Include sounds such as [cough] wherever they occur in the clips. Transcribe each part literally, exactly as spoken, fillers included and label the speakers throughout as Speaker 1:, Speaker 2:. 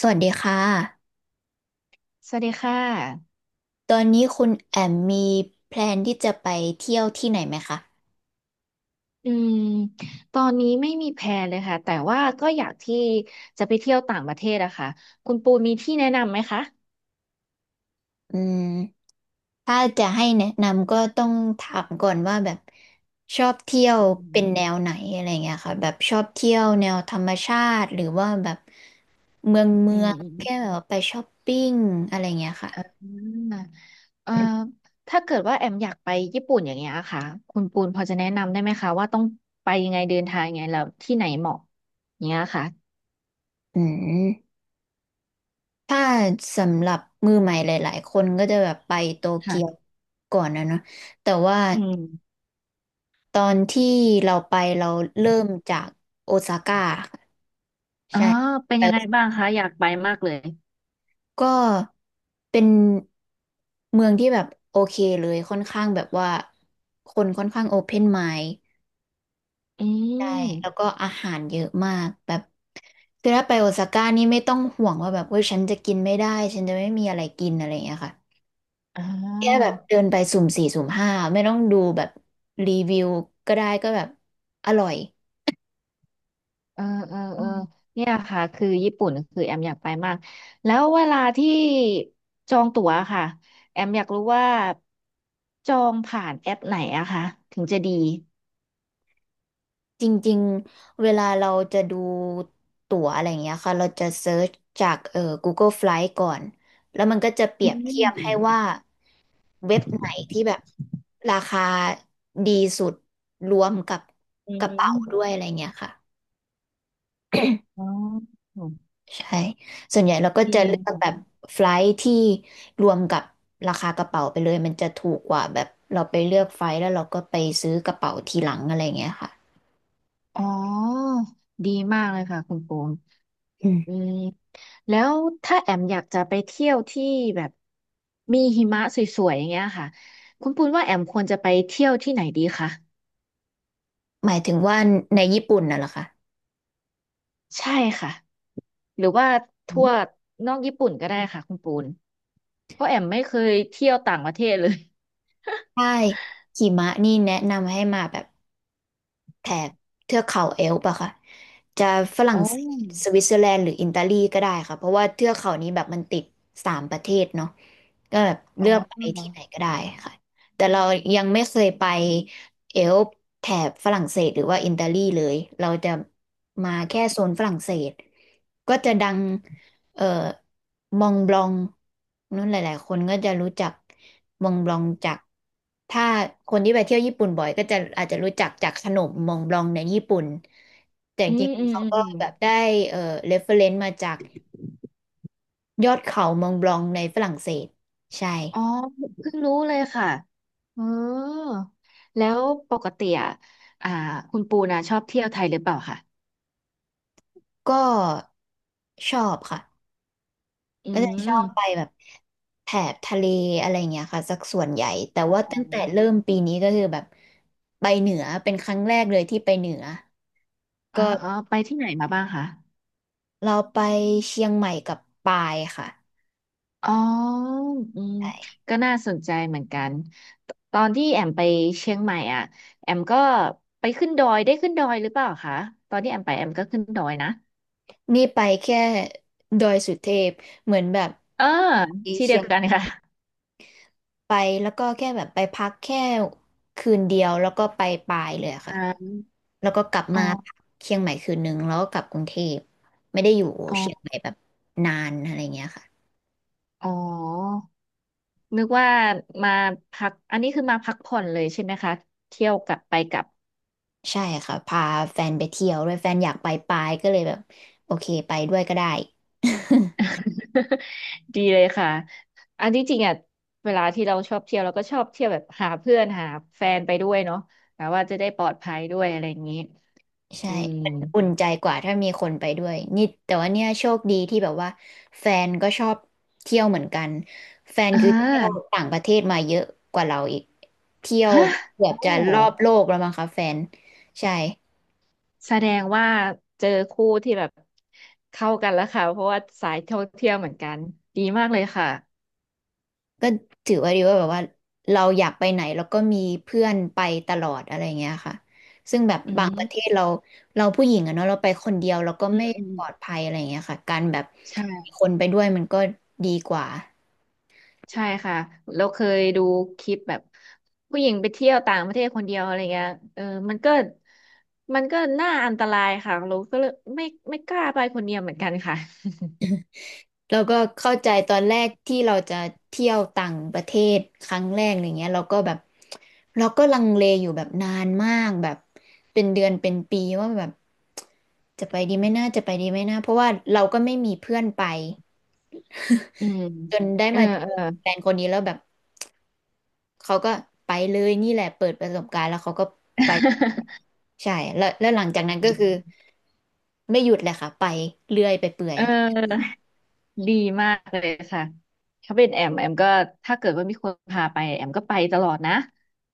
Speaker 1: สวัสดีค่ะ
Speaker 2: สวัสดีค่ะ
Speaker 1: ตอนนี้คุณแอมมีแพลนที่จะไปเที่ยวที่ไหนไหมคะ
Speaker 2: อืมตอนนี้ไม่มีแพลนเลยค่ะ แต่ว่าก็อยากที่จะไปเที่ยวต่างประเทศอะค่ะคุณปูมีที่แนะนำไหมคะ
Speaker 1: อืม ถ้าจะให้แนะนำก็ต้องถามก่อนว่าแบบชอบเที่ยว
Speaker 2: อืม
Speaker 1: เป็นแนวไหนอะไรเงี้ยค่ะแบบชอบเที่ยวแนวธรรมชาติหรือว่าแบบเมืองเมื
Speaker 2: อื
Speaker 1: องแค่แบ
Speaker 2: ม
Speaker 1: บไปช้อปปิ้งอะไรเงี้ยค่ะ
Speaker 2: อืมอืมเอ่อถ้าเกิดว่าแอมอยากไปญี่ปุ่นอย่างเงี้ยค่ะคุณปูนพอจะแนะนำได้ไหมคะว่าต้องไปยังไงเดินทางยังไงแล้วที่ไหนเหมาะอย่างเงี้ยค่ะ
Speaker 1: อืมถ้าสำหรับมือใหม่หลายๆคนก็จะแบบไปโตเกียว
Speaker 2: ค่ะ
Speaker 1: ก่อนนะเนาะแต่ว่า
Speaker 2: อืม
Speaker 1: ตอนที่เราไปเราเริ่มจากโอซาก้าค่ะ
Speaker 2: อ๋อ
Speaker 1: ใช่
Speaker 2: เป็น
Speaker 1: ไป
Speaker 2: ยังไงบ้างคะอยากไปมากเลย
Speaker 1: ก็เป็นเมืองที่แบบโอเคเลยค่อนข้างแบบว่าคนค่อนข้างโอเพนไมด์
Speaker 2: อื
Speaker 1: ใช่แล้วก็
Speaker 2: ม
Speaker 1: อาหารเยอะมากแบบคือถ้าไปโอซาก้านี่ไม่ต้องห่วงว่าแบบเว้ยฉันจะกินไม่ได้ฉันจะไม่มีอะไรกินอะไรอย่างเงี้ยค่ะ
Speaker 2: อ๋อ
Speaker 1: แค่แบบเดินไปสุ่มสี่สุ่มห้าไม่ต้องดูแบบรีวิวก็ได้ก็แบบอร่อย
Speaker 2: เออเออเออเนี่ยค่ะคือญี่ปุ่นคือแอมอยากไปมากแล้วเวลาที่จองตั๋วค่ะแอมอยากรู้ว่าจองผ่านแอปไหนอะคะถึงจะดี
Speaker 1: จริงๆเวลาเราจะดูตั๋วอะไรอย่างเงี้ยค่ะเราจะเซิร์ชจากเอ่อ Google Flight ก่อนแล้วมันก็จะเปรี
Speaker 2: อื
Speaker 1: ยบเทียบให้ว่า
Speaker 2: ม
Speaker 1: เว็บไหนที่แบบราคาดีสุดรวมกับ
Speaker 2: อื
Speaker 1: กระเป๋าด้วย
Speaker 2: ม
Speaker 1: อะไรเงี้ยค่ะ
Speaker 2: อ๋อ
Speaker 1: ใช่ส่วนใหญ่เราก็
Speaker 2: ดี
Speaker 1: จะเลื
Speaker 2: นะ
Speaker 1: อกแบบ
Speaker 2: คะ
Speaker 1: ไฟลท์ที่รวมกับราคากระเป๋าไปเลยมันจะถูกกว่าแบบเราไปเลือกไฟลท์แล้วเราก็ไปซื้อกระเป๋าทีหลังอะไรเงี้ยค่ะ
Speaker 2: อ๋อดีมากเลยค่ะคุณปูม
Speaker 1: อืม
Speaker 2: อืมแล้วถ้าแอมอยากจะไปเที่ยวที่แบบมีหิมะสวยๆอย่างเงี้ยค่ะคุณปูนว่าแอมควรจะไปเที่ยวที่ไหนดีคะ
Speaker 1: หมายถึงว่าในญี่ปุ่นน่ะเหรอคะ
Speaker 2: ใช่ค่ะ หรือว่าทั่วนอกญี่ปุ่นก็ได้ค่ะคุณปูนเพราะแอมไม่เคยเที่ยวต่างประเทศเลย
Speaker 1: ใช่หิมะนี่แนะนำให้มาแบบแถบเทือกเขาเอลป์อะค่ะจะฝรั่ง
Speaker 2: โอ้
Speaker 1: เศสสวิตเซอร์แลนด์หรืออิตาลีก็ได้ค่ะเพราะว่าเทือกเขานี้แบบมันติดสามประเทศเนาะก็แบบ
Speaker 2: อ๋
Speaker 1: เลือกไปที่
Speaker 2: อ
Speaker 1: ไหนก็ได้ค่ะแต่เรายังไม่เคยไปเอลป์แถบฝรั่งเศสหรือว่าอิตาลีเลยเราจะมาแค่โซนฝรั่งเศสก็จะดังเอ่อ มองบลองนั่นหลายๆคนก็จะรู้จักมองบลองจากถ้าคนที่ไปเที่ยวญี่ปุ่นบ่อยก็จะอาจจะรู้จักจากขนมมองบลองในญี่ปุ่นแต่จ
Speaker 2: อื
Speaker 1: ริ
Speaker 2: ม
Speaker 1: ง
Speaker 2: อื
Speaker 1: ๆ
Speaker 2: ม
Speaker 1: เขา
Speaker 2: อืม
Speaker 1: ก็
Speaker 2: อืม
Speaker 1: แบบได้เอ่อเรฟเฟรนซ์มาจากยอดเขามองบลองในฝรั่งเศสใช่
Speaker 2: อ๋อเพิ่งรู้เลยค่ะเออแล้วปกติอ่ะอ่าคุณปูนะชอบเที่ยวไทยหรือเปล่าคะ
Speaker 1: ก็ชอบค่ะ
Speaker 2: อื
Speaker 1: ก็จะชอบไป
Speaker 2: ม
Speaker 1: แบบแถบทะเลอะไรเงี้ยค่ะสักส่วนใหญ่แต่
Speaker 2: อ๋อ
Speaker 1: ว่าตั้งแต่เริ่มปีนี้ก็คือแบบไปเหนือเป็นครั้งแรกเลยที่ไปเหนือ
Speaker 2: อ๋อ
Speaker 1: ก็
Speaker 2: อ๋อ ไปที่ไหนมาบ้างคะ
Speaker 1: เราไปเชียงใหม่กับปายค่ะ
Speaker 2: อ๋ออืม
Speaker 1: ใช่
Speaker 2: ก็น่าสนใจเหมือนกันตตอนที่แอมไปเชียงใหม่อ่ะแอมก็ไปขึ้นดอยได้ขึ้นดอยหรือเปล่าคะตอนที่แอมไปแอมก็ขึ้นดอยนะ
Speaker 1: นี่ไปแค่ดอยสุเทพ เหมือนแบบ
Speaker 2: เออ
Speaker 1: ไป
Speaker 2: ที่เดี
Speaker 1: เชี
Speaker 2: ย
Speaker 1: ย
Speaker 2: ว
Speaker 1: ง
Speaker 2: กันค่ะ
Speaker 1: ไปแล้วก็แค่แบบไปพักแค่คืนเดียวแล้วก็ไปปายเลยอะ
Speaker 2: อ่
Speaker 1: ค่ะ
Speaker 2: า
Speaker 1: แล้วก็กลับ
Speaker 2: อ๋อ
Speaker 1: มาพักเชียงใหม่คืนนึงแล้วก็กลับกรุงเทพไม่ได้อยู่
Speaker 2: อ๋อ
Speaker 1: เชียงใหม่แบบนานอะไรเงี้ยค่ะ
Speaker 2: อ๋อนึกว่ามาพักอันนี้คือมาพักผ่อนเลยใช่ไหมคะ เที่ยวกลับไปกลับ
Speaker 1: ใช่ค่ะพาแฟนไปเที่ยวด้วยแฟนอยากไปปายก็เลยแบบโอเคไปด้วยก็ได้ [laughs]
Speaker 2: [laughs] ดีเลยค่ะ อันที่จริงอ่ะ เวลาที่เราชอบเที่ยวเราก็ชอบเที่ยวแบบหาเพื่อนหาแฟนไปด้วยเนาะแบบว่าจะได้ปลอดภัยด้วยอะไรอย่างนี้
Speaker 1: ใช่
Speaker 2: อืม
Speaker 1: มันอุ่นใจกว่าถ้ามีคนไปด้วยนี่แต่ว่าเนี่ยโชคดีที่แบบว่าแฟนก็ชอบเที่ยวเหมือนกันแฟน
Speaker 2: อ่
Speaker 1: คือเที่ยว
Speaker 2: า
Speaker 1: ต่างประเทศมาเยอะกว่าเราอีกเที่ยว
Speaker 2: ฮะ
Speaker 1: เกือบ
Speaker 2: โอ้
Speaker 1: จะรอบโลกแล้วมั้งคะแฟนใช่
Speaker 2: แสดงว่าเจอคู่ที่แบบเข้ากันแล้วค่ะ เพราะว่าสายท่องเที่ยวเหมือนกัน ดีมากเลยค่ะ
Speaker 1: ก็ถือว่าดีว่าแบบว่าเราอยากไปไหนแล้วก็มีเพื่อนไปตลอดอะไรเงี้ยค่ะซึ่งแบบ
Speaker 2: อื
Speaker 1: บางประเท
Speaker 2: ม
Speaker 1: ศเราเราผู้หญิงอะเนาะเราไปคนเดียวเราก็
Speaker 2: อื
Speaker 1: ไม่
Speaker 2: มอืม
Speaker 1: ปลอดภัยอะไรเงี้ยค่ะการแบบมี
Speaker 2: ใช่
Speaker 1: คนไปด้วยมันก็ดีกว่า
Speaker 2: ใช่ค่ะเราเคยดูคลิปแบบผู้หญิงไปเที่ยวต่างประเทศคนเดียวอะไรเงี้ยเออมันก็มันก็น่าอันตรายค่ะเราก็เลยไม่ไม่กล้าไปคนเดียวเหมือนกันค่ะ
Speaker 1: แล้วก็เข้าใจตอนแรกที่เราจะเที่ยวต่างประเทศครั้งแรกอะไรเงี้ยเราก็แบบเราก็ลังเลอยู่แบบนานมากแบบเป็นเดือนเป็นปีว่าแบบจะไปดีไหมนะจะไปดีไหมนะเพราะว่าเราก็ไม่มีเพื่อนไป
Speaker 2: อืม
Speaker 1: จนได้
Speaker 2: [laughs] เออ
Speaker 1: มาเจ
Speaker 2: เอ
Speaker 1: อ
Speaker 2: อ
Speaker 1: แฟนคนนี้แล้วแบบเขาก็ไปเลยนี่แหละเปิดประสบการณ์แล้วเขาก็ไปใช่แล้วแล้วหลังจากนั้นก็คือไม่หยุดเลยค่ะไปเรื่อยไปเปื่อ
Speaker 2: [laughs] เ
Speaker 1: ย
Speaker 2: ออ ดีมากเลยค่ะถ้าเป็นแอมแอมก็ถ้าเกิดว่ามีคนพาไปแอมก็ไปตลอดนะ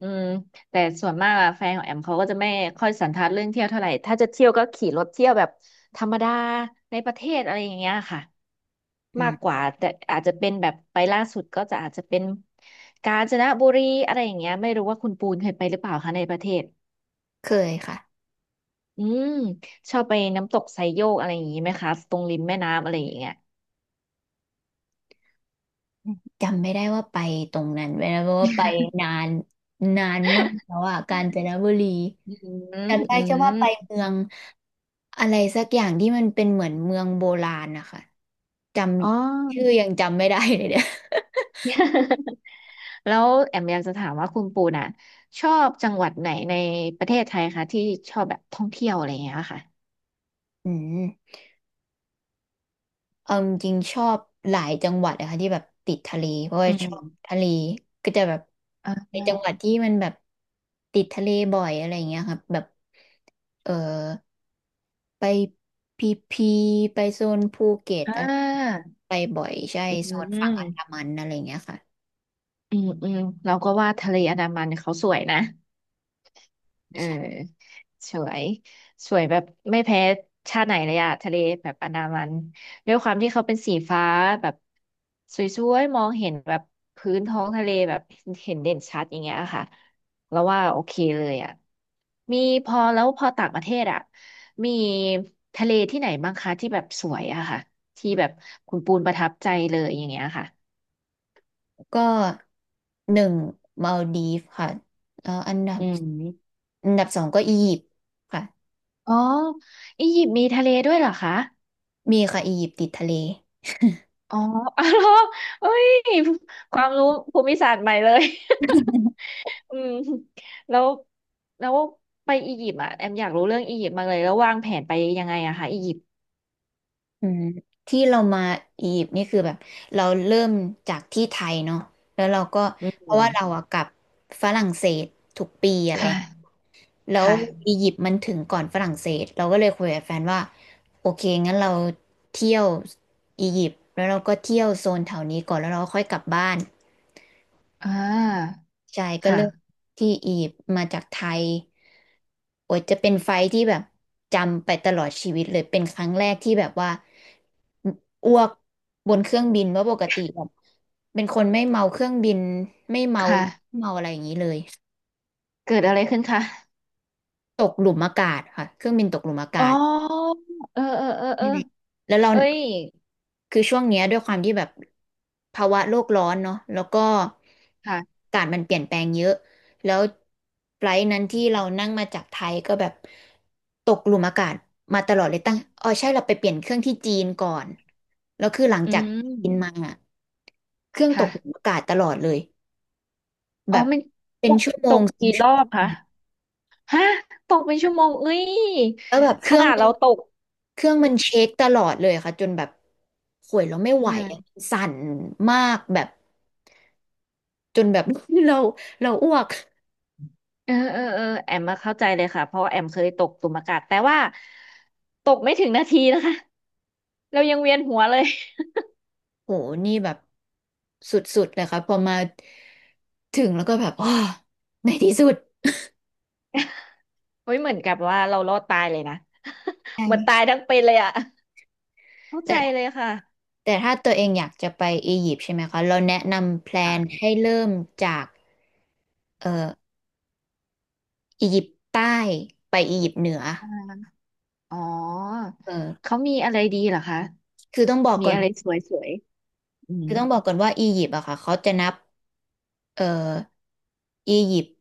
Speaker 2: อืมแต่ส่วนมากอะแฟนของแอมเขาก็จะไม่ค่อยสันทัดเรื่องเที่ยวเท่าไหร่ถ้าจะเที่ยวก็ขี่รถเที่ยวแบบธรรมดาในประเทศอะไรอย่างเงี้ยค่ะ
Speaker 1: อื
Speaker 2: มาก
Speaker 1: ม
Speaker 2: กว่าแต่อาจจะเป็นแบบไปล่าสุดก็จะอาจจะเป็นกาญจนบุรีอะไรอย่างเงี้ยไม่รู้ว่าคุณปูนเคยไปหรือเปล่าคะในประเทศ
Speaker 1: เคยค่ะ
Speaker 2: อืมชอบไปน้ำตกไซโยกอะไรอย่างงี้ไหมคะตรงริมแม่น้ำอะไรอย่างเงี้ย
Speaker 1: จำไม่ได้ว่าไปตรงนั้นไปแล้วเพราะว่าไปนานนานมากแล้วอ่ะกาญจนบุรี
Speaker 2: อืม
Speaker 1: จำได้
Speaker 2: อื
Speaker 1: แค่ว่าไป
Speaker 2: ม
Speaker 1: เมืองอะไรสักอย่างที่มันเป็นเหมือนเมืองโบราณนะคะจ
Speaker 2: อ๋อ
Speaker 1: ำชื่อยังจำไม่ได้เลยเนี่ย
Speaker 2: [laughs] แล้วแอมอยากจะถามว่าคุณปูน่ะชอบจังหวัดไหนในประเทศไทยคะที่ชอบแบบท่องเที่ยวอะไรอย่างเงี้ยค่ะ
Speaker 1: อืมเอาจริงๆชอบหลายจังหวัดนะคะที่แบบติดทะเลเพราะว่า
Speaker 2: อื
Speaker 1: ชอ
Speaker 2: ม
Speaker 1: บทะเลก็จะแบบ
Speaker 2: อ่า
Speaker 1: ในจังหวัดที่มันแบบติดทะเลบ่อยอะไรอย่างเงี้ยครับแบบเออ ไปพีพีไปโซนภูเก็ต
Speaker 2: อ่
Speaker 1: อะไร
Speaker 2: า
Speaker 1: ไปบ่อยใช่
Speaker 2: อื
Speaker 1: โซนฝั่งอันดา
Speaker 2: ม
Speaker 1: มันอะไรอย่างเงี้ยค่ะ
Speaker 2: อืม อืมเราก็ว่าทะเลอันดามันเขาสวยนะ เอ
Speaker 1: ใช่
Speaker 2: อสวยสวยแบบไม่แพ้ชาติไหนเลยอะทะเลแบบอันดามันด้วยความที่เขาเป็นสีฟ้าแบบสวยๆมองเห็นแบบพื้นท้องทะเลแบบเห็นเด่นชัดอย่างเงี้ยค่ะแล้วว่าโอเคเลยอะมีพอแล้วพอต่างประเทศอะมีทะเลที่ไหนบ้างคะที่แบบสวยอะค่ะที่แบบคุณปูนประทับใจเลยอย่างเงี้ยค่ะ
Speaker 1: ก็หนึ่งมาลดีฟค่ะแล้วอันดับ
Speaker 2: อืม
Speaker 1: อันดับสองก็อียิปต์ค่ะ
Speaker 2: อ๋ออียิปต์มีทะเลด้วยเหรอคะ
Speaker 1: มีค่ะอียิปต์ติดทะเล
Speaker 2: อ๋อ [laughs] อ๋อเหรอเอ้ยความรู้ภูมิศาสตร์ใหม่เลย [laughs] อืมแล้วแล้วไปอียิปต์อ่ะแอมอยากรู้เรื่องอียิปต์มากเลยแล้ววางแผนไปยังไงอะคะอียิปต์
Speaker 1: อืมที่เรามาอียิปต์นี่คือแบบเราเริ่มจากที่ไทยเนาะแล้วเราก็เพราะ
Speaker 2: อื
Speaker 1: ว่าเรา
Speaker 2: ม
Speaker 1: อะกลับฝรั่งเศสทุกปีอะ
Speaker 2: ค
Speaker 1: ไร
Speaker 2: ่ะค
Speaker 1: แล้ว
Speaker 2: ่ะ
Speaker 1: อียิปต์มันถึงก่อนฝรั่งเศสเราก็เลยคุยกับแฟนว่าโอเคงั้นเราเที่ยวอียิปต์แล้วเราก็เที่ยวโซนแถวนี้ก่อนแล้วเราก็ค่อยกลับบ้าน
Speaker 2: อ่า
Speaker 1: ใช่ก็เริ่ม
Speaker 2: ค่ะ
Speaker 1: ที่อียิปต์มาจากไทยโอ้ยจะเป็นไฟท์ที่แบบจำไปตลอดชีวิตเลยเป็นครั้งแรกที่แบบว่าออ้วกบนเครื่องบินว่าะปกติแบบเป็นคนไม่เมาเครื่องบินไม่เมา
Speaker 2: ค่ะ
Speaker 1: ไม่เมาอะไรอย่างนี้เลย
Speaker 2: เกิดอะไรขึ้นคะ
Speaker 1: ตกหลุมอากาศค่ะเครื่องบินตกหลุมอากา
Speaker 2: อ๋
Speaker 1: ศ
Speaker 2: อ เออเออเออเอ
Speaker 1: ใช่
Speaker 2: อ
Speaker 1: แล้วเรา
Speaker 2: เอ้ย
Speaker 1: คือช่วงเนี้ยด้วยความที่แบบภาวะโลกร้อนเนาะแล้วก็
Speaker 2: ค่ะ
Speaker 1: อากาศมันเปลี่ยนแปลงเยอะแล้วไฟลท์นั้นที่เรานั่งมาจากไทยก็แบบตกหลุมอากาศมาตลอดเลยตั้งอ๋อใช่เราไปเปลี่ยนเครื่องที่จีนก่อนแล้วคือหลัง
Speaker 2: อื
Speaker 1: จากจีนมา
Speaker 2: ม
Speaker 1: อะเครื่องต
Speaker 2: ค่ะ
Speaker 1: กหลุมอากาศตลอดเลย
Speaker 2: อ๋
Speaker 1: แบ
Speaker 2: อ
Speaker 1: บ
Speaker 2: มันต
Speaker 1: เป็น
Speaker 2: ก
Speaker 1: ชั่วโม
Speaker 2: ต
Speaker 1: ง
Speaker 2: ก
Speaker 1: สอง
Speaker 2: กี่ร
Speaker 1: ชั่ว
Speaker 2: อ
Speaker 1: โม
Speaker 2: บคะ
Speaker 1: ง
Speaker 2: ฮะตกเป็นชั่วโมงเอ้ย
Speaker 1: แล้วแบบเค
Speaker 2: ข
Speaker 1: รื่อง
Speaker 2: นาด
Speaker 1: มัน
Speaker 2: เราตก
Speaker 1: เครื่องมันเช็คตลอดเลยค่ะจนแบบข่วยเราไม่
Speaker 2: อื
Speaker 1: ไหวอะ
Speaker 2: ม
Speaker 1: สั่นมากแบบจนแบบ [laughs] เราเราอ้วก
Speaker 2: เออเออเออแอมมาเข้าใจเลยค่ะเพราะว่าแอมเคยตกตุ่มอากาศแต่ว่าตกไม่ถึงนาทีนะคะ [laughs] เรายังเวียนหัวเลย
Speaker 1: โหนี่แบบสุดๆเลยครับพอมาถึงแล้วก็แบบอ๋อในที่สุด
Speaker 2: [laughs] เฮ้ยเหมือนกับว่าเรารอดตายเลยนะ [laughs] เหมือนตา
Speaker 1: ใช่
Speaker 2: ยทั้งเป็นเลยอ่ะเข้าใจ
Speaker 1: แต่
Speaker 2: เลยค่ะ
Speaker 1: แต่ถ้าตัวเองอยากจะไปอียิปต์ใช่ไหมคะ เราแนะนำแพลนให้เริ่มจากเอ่ออียิปต์ใต้ไปอียิปต์เหนือ
Speaker 2: อ่าอ๋อ
Speaker 1: เออ
Speaker 2: เขามีอะไรดีเหรอคะ
Speaker 1: คือต้องบอก
Speaker 2: มี
Speaker 1: ก่อน
Speaker 2: อะไรสวยๆอืม
Speaker 1: คือต้องบอกก่อนว่าอียิปต์อะค่ะเขาจะนับเอ่ออียิปต์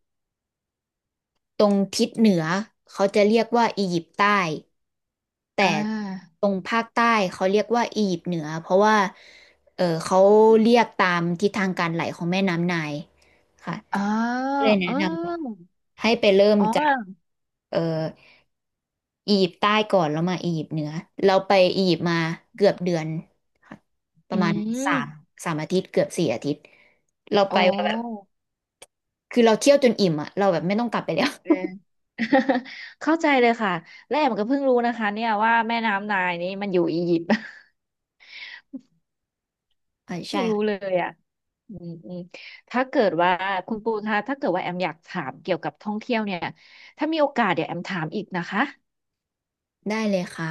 Speaker 1: ตรงทิศเหนือเขาจะเรียกว่าอียิปต์ใต้แต่
Speaker 2: อ่า
Speaker 1: ตรงภาคใต้เขาเรียกว่าอียิปต์เหนือเพราะว่าเออเขาเรียกตามทิศทางการไหลของแม่น้ำไนล์ค่ะ
Speaker 2: อ๋อ
Speaker 1: ก็เลยแนะ
Speaker 2: เอ
Speaker 1: น
Speaker 2: อ
Speaker 1: ำให้ไปเริ่ม
Speaker 2: อ๋
Speaker 1: จาก
Speaker 2: อ
Speaker 1: เอออียิปต์ใต้ก่อนแล้วมาอียิปต์เหนือเราไปอียิปต์มาเกือบเดือนค่ะป
Speaker 2: อื
Speaker 1: ระมาณสาม
Speaker 2: ม
Speaker 1: สามอาทิตย์เกือบสี่อาทิตย์เรา
Speaker 2: โอ
Speaker 1: ไปแบบ
Speaker 2: ้
Speaker 1: คือเราเที่ยวจนอิ่มอะเราแบบไม่ต้องกลับไปแล้ว
Speaker 2: เออ [laughs] เข้าใจเลยค่ะและแอมก็เพิ่งรู้นะคะเนี่ยว่าแม่น้ำไนายนี้มันอยู่อียิปต์
Speaker 1: [laughs] อ่า
Speaker 2: [laughs]
Speaker 1: ใช่
Speaker 2: เพิ่งรู้เล
Speaker 1: ค่ะ
Speaker 2: ยอ่ะอืมอืมถ้าเกิดว่าคุณปูคะถ้าเกิดว่าแอมอยากถามเกี่ยวกับท่องเที่ยวเนี่ยถ้ามีโอกาสเดี๋ยวแอมถามอีกนะคะ
Speaker 1: ได้เลยค่ะ